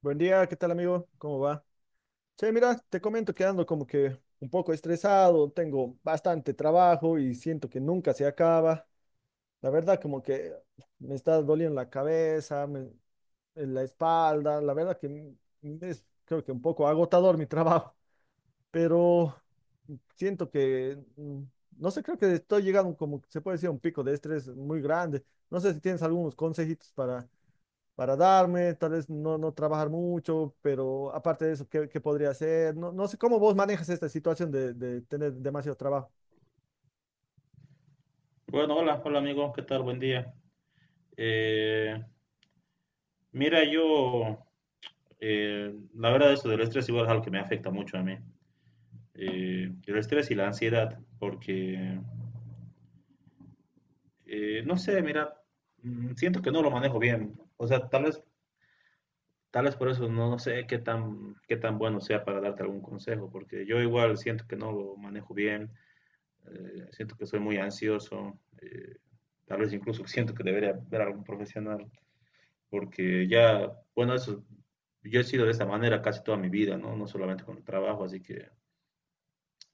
Buen día, ¿qué tal amigo? ¿Cómo va? Che, mira, te comento que ando como que un poco estresado, tengo bastante trabajo y siento que nunca se acaba. La verdad como que me está doliendo la cabeza, en la espalda, la verdad es creo que un poco agotador mi trabajo, pero siento que, no sé, creo que estoy llegando como, se puede decir, a un pico de estrés muy grande. No sé si tienes algunos consejitos para darme, tal vez no, no trabajar mucho, pero aparte de eso, ¿qué podría hacer? No, no sé cómo vos manejas esta situación de tener demasiado trabajo. Bueno, hola, hola amigos, ¿qué tal? Buen día. Eh, mira, yo, la verdad, eso del estrés igual es algo que me afecta mucho a mí. El estrés y la ansiedad, porque, no sé, mira, siento que no lo manejo bien. O sea, tal vez por eso no, no sé qué tan bueno sea para darte algún consejo, porque yo igual siento que no lo manejo bien, siento que soy muy ansioso, tal vez incluso siento que debería ver a algún profesional. Porque ya, bueno, eso, yo he sido de esta manera casi toda mi vida, ¿no? No solamente con el trabajo, así que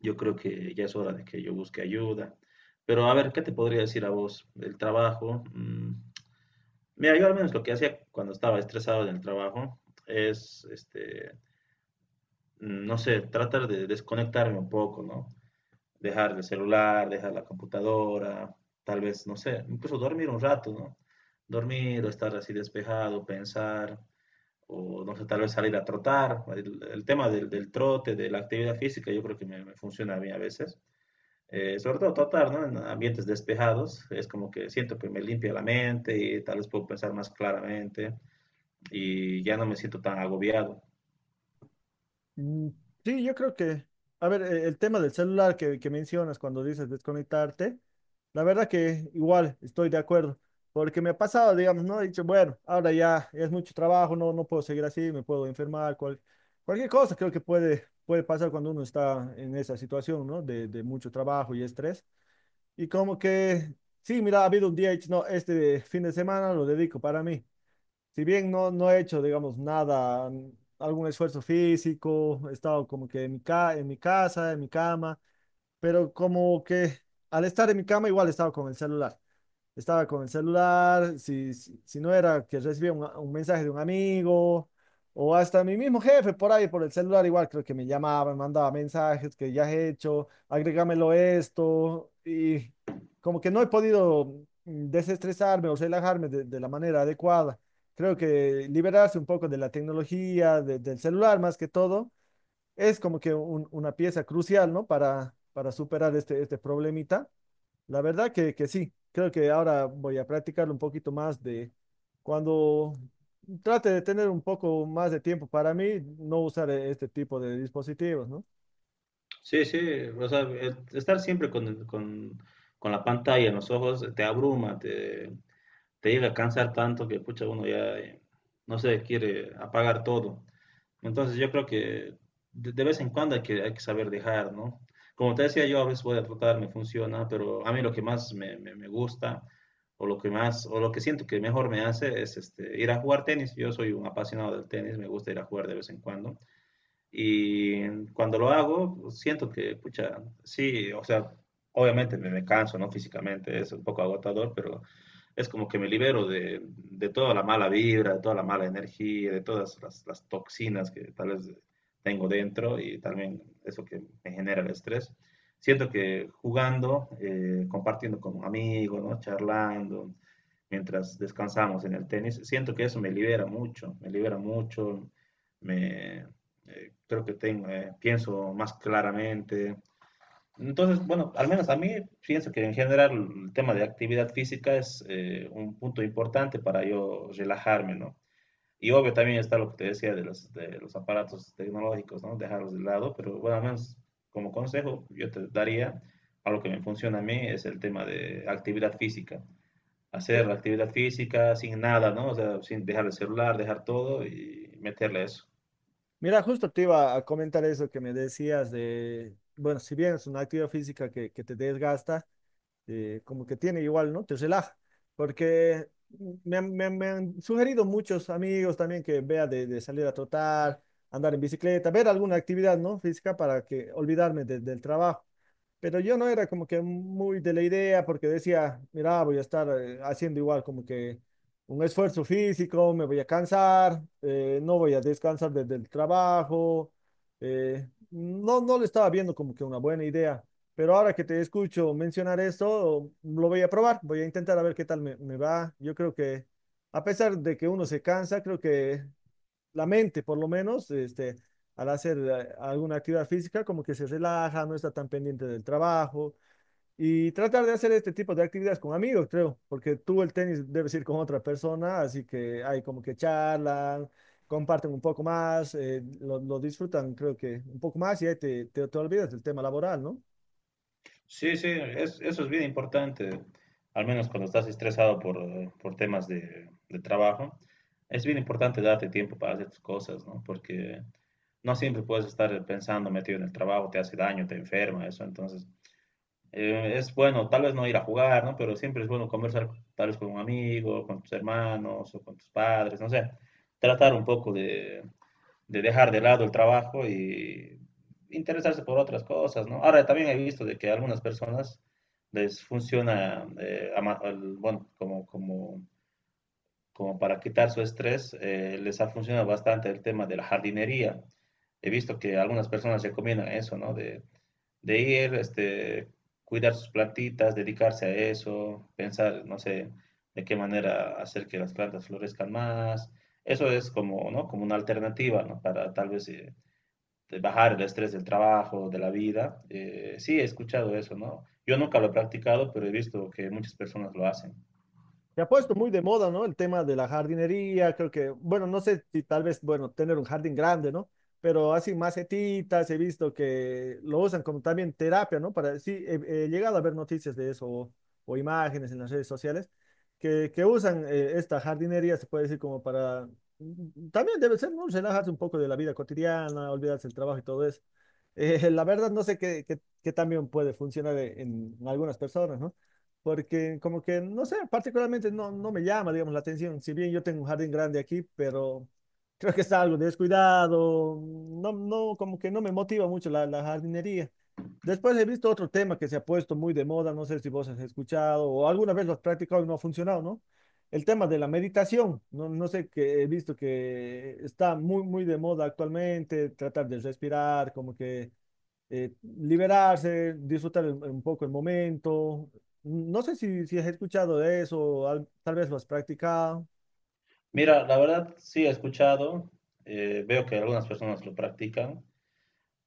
yo creo que ya es hora de que yo busque ayuda. Pero a ver, ¿qué te podría decir a vos? El trabajo, mira, yo al menos lo que hacía cuando estaba estresado en el trabajo es, no sé, tratar de desconectarme un poco, ¿no? Dejar el celular, dejar la computadora, tal vez, no sé, incluso dormir un rato, ¿no? Dormir o estar así despejado, pensar. O no sé, tal vez salir a trotar. El tema del trote, de la actividad física, yo creo que me funciona a mí a veces. Sobre todo trotar, ¿no? En ambientes despejados, es como que siento que me limpia la mente y tal vez puedo pensar más claramente y ya no me siento tan agobiado. Mm, sí, yo creo que, a ver, el tema del celular que mencionas cuando dices desconectarte, la verdad que igual estoy de acuerdo, porque me ha pasado, digamos, ¿no? He dicho, bueno, ahora ya es mucho trabajo, no, no puedo seguir así, me puedo enfermar, cualquier cosa creo que puede, puede pasar cuando uno está en esa situación, ¿no? De mucho trabajo y estrés. Y como que, sí, mira, ha habido un día, he dicho, no, este fin de semana lo dedico para mí. Si bien no, no he hecho, digamos, nada, algún esfuerzo físico, he estado como que en mi, ca en mi casa, en mi cama, pero como que al estar en mi cama igual he estado con el celular, estaba con el celular, si, si, si no era que recibía un mensaje de un amigo, o hasta mi mismo jefe por ahí, por el celular, igual creo que me llamaba, me mandaba mensajes que ya he hecho, agrégamelo esto, y como que no he podido, desestresarme o relajarme de la manera adecuada. Creo que liberarse un poco de la tecnología, del celular más que todo, es como que una pieza crucial, ¿no? Para superar este, este problemita. La verdad que sí, creo que ahora voy a practicar un poquito más de cuando trate de tener un poco más de tiempo para mí, no usar este tipo de dispositivos, ¿no? Sí, sí, o sea, el estar siempre con la pantalla en los ojos te abruma, te llega a cansar tanto que, pucha, uno ya, no sé, quiere apagar todo. Entonces yo creo que de vez en cuando hay que saber dejar, ¿no? Como te decía, yo a veces voy a tratar, me funciona, pero a mí lo que más me, me gusta o lo que más, o lo que siento que mejor me hace es este, ir a jugar tenis. Yo soy un apasionado del tenis, me gusta ir a jugar de vez en cuando. Y cuando lo hago, pues, siento que, pucha, sí, o sea, obviamente me, me canso, ¿no? Físicamente es un poco agotador, pero es como que me libero de, toda la mala vibra, de toda la mala energía, de todas las toxinas que tal vez tengo dentro y también eso que me genera el estrés. Siento que jugando, compartiendo con amigos, ¿no? Charlando, mientras descansamos en el tenis, siento que eso me libera mucho, me libera mucho, me, creo que tengo, pienso más claramente, entonces, bueno, al menos a mí pienso que en general el tema de actividad física es un punto importante para yo relajarme, ¿no? Y obvio también está lo que te decía de los aparatos tecnológicos, ¿no? Dejarlos de lado, pero bueno, al menos como consejo yo te daría, algo que me funciona a mí es el tema de actividad física. Eh, Hacer actividad física sin nada, ¿no? O sea, sin dejar el celular, dejar todo y meterle eso. mira, justo te iba a comentar eso que me decías de, bueno, si bien es una actividad física que te desgasta, como que tiene igual, ¿no? Te relaja, porque me han sugerido muchos amigos también que vea de salir a trotar, andar en bicicleta, ver alguna actividad, ¿no? Física para que olvidarme del trabajo. Pero yo no era como que muy de la idea porque decía, mira, voy a estar haciendo igual como que un esfuerzo físico, me voy a cansar, no voy a descansar desde el trabajo. No, no le estaba viendo como que una buena idea. Pero ahora que te escucho mencionar esto, lo voy a probar, voy a intentar a ver qué tal me, me va. Yo creo que a pesar de que uno se cansa, creo que la mente, por lo menos, este, al hacer alguna actividad física, como que se relaja, no está tan pendiente del trabajo. Y tratar de hacer este tipo de actividades con amigos, creo, porque tú el tenis debes ir con otra persona, así que hay como que charlan, comparten un poco más, lo disfrutan, creo que un poco más y ahí te olvidas del tema laboral, ¿no? Sí, sí, eso es bien importante, al menos cuando estás estresado por temas de trabajo, es bien importante darte tiempo para hacer tus cosas, ¿no? Porque no siempre puedes estar pensando metido en el trabajo, te hace daño, te enferma, eso, entonces es bueno, tal vez no ir a jugar, ¿no? Pero siempre es bueno conversar tal vez con un amigo, con tus hermanos o con tus padres, no sé, tratar un poco de dejar de lado el trabajo y interesarse por otras cosas, ¿no? Ahora también he visto de que a algunas personas les funciona, bueno, como para quitar su estrés, les ha funcionado bastante el tema de la jardinería. He visto que algunas personas recomiendan eso, ¿no? De ir, este, cuidar sus plantitas, dedicarse a eso, pensar, no sé, de qué manera hacer que las plantas florezcan más. Eso es como, ¿no? Como una alternativa, ¿no? Para tal vez de bajar el estrés del trabajo, de la vida. Sí, he escuchado eso, ¿no? Yo nunca lo he practicado, pero he visto que muchas personas lo hacen. Se ha puesto muy de moda, ¿no? El tema de la jardinería, creo que, bueno, no sé si tal vez, bueno, tener un jardín grande, ¿no? Pero así macetitas, he visto que lo usan como también terapia, ¿no? Para, sí, he, he llegado a ver noticias de eso, o imágenes en las redes sociales que usan esta jardinería, se puede decir, como para, también debe ser, ¿no? Relajarse un poco de la vida cotidiana, olvidarse del trabajo y todo eso. La verdad, no sé qué también puede funcionar en algunas personas, ¿no? Porque como que, no sé, particularmente no, no me llama, digamos, la atención. Si bien yo tengo un jardín grande aquí, pero creo que está algo descuidado, no, no, como que no me motiva mucho la, la jardinería. Después he visto otro tema que se ha puesto muy de moda, no sé si vos has escuchado o alguna vez lo has practicado y no ha funcionado, ¿no? El tema de la meditación, no, no sé, que he visto que está muy, muy de moda actualmente, tratar de respirar, como que eh, liberarse, disfrutar un poco el momento. No sé si, si has escuchado de eso, tal vez lo has practicado. Mira, la verdad, sí he escuchado, veo que algunas personas lo practican,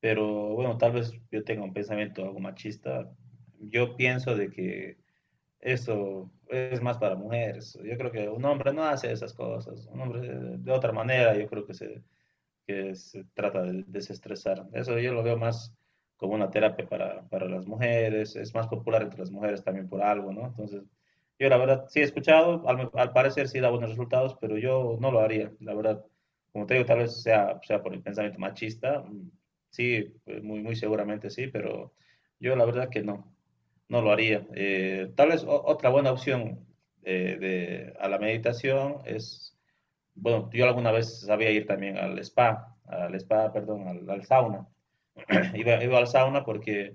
pero bueno, tal vez yo tenga un pensamiento algo machista. Yo pienso de que eso es más para mujeres. Yo creo que un hombre no hace esas cosas. Un hombre de otra manera, yo creo que se trata de desestresar. Eso yo lo veo más como una terapia para las mujeres, es más popular entre las mujeres también por algo, ¿no? Entonces, yo la verdad sí he escuchado, al, al parecer sí da buenos resultados, pero yo no lo haría, la verdad. Como te digo, tal vez sea, sea por el pensamiento machista, sí, muy, muy seguramente sí, pero yo la verdad que no, no lo haría. Tal vez o- Otra buena opción de, a la meditación es bueno, yo alguna vez sabía ir también al spa, perdón, al, al sauna. Iba, iba, al sauna porque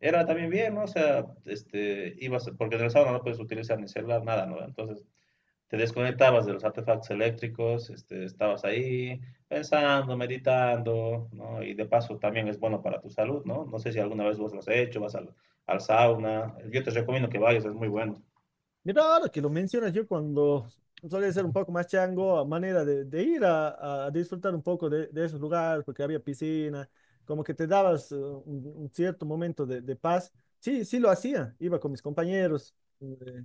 era también bien, ¿no? O sea, este, ibas, porque en el sauna no puedes utilizar ni celular, nada, ¿no? Entonces te desconectabas de los artefactos eléctricos, este, estabas ahí pensando, meditando, ¿no? Y de paso también es bueno para tu salud, ¿no? No sé si alguna vez vos lo has hecho, vas al, al sauna. Yo te recomiendo que vayas, es muy bueno. Mira, ahora que lo mencionas, yo cuando solía ser un poco más chango, a manera de ir a disfrutar un poco de esos lugares, porque había piscina, como que te dabas un cierto momento de paz. Sí, sí lo hacía, iba con mis compañeros, eh,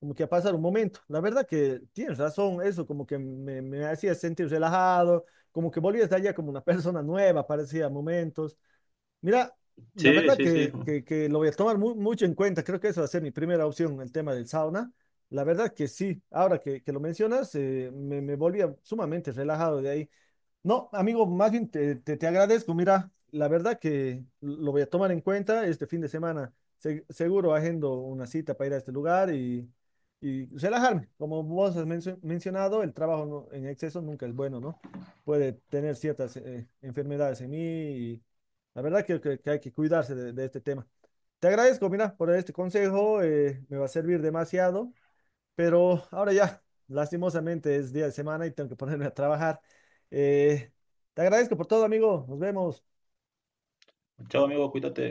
como que a pasar un momento. La verdad que tienes razón, eso como que me hacía sentir relajado, como que volvías de allá como una persona nueva, parecía a momentos. Mira, la Sí, verdad sí, sí. que, que lo voy a tomar mucho en cuenta. Creo que eso va a ser mi primera opción, el tema del sauna. La verdad que sí, ahora que lo mencionas, me, me volvía sumamente relajado de ahí. No, amigo, más bien te agradezco. Mira, la verdad que lo voy a tomar en cuenta este fin de semana. Seguro agendo una cita para ir a este lugar y relajarme. Como vos has mencionado, el trabajo en exceso nunca es bueno, ¿no? Puede tener ciertas enfermedades en mí, y la verdad que, que hay que cuidarse de este tema. Te agradezco, mira, por este consejo. Me va a servir demasiado. Pero ahora ya, lastimosamente es día de semana y tengo que ponerme a trabajar. Eh, te agradezco por todo, amigo. Nos vemos. Chao, amigo, cuídate.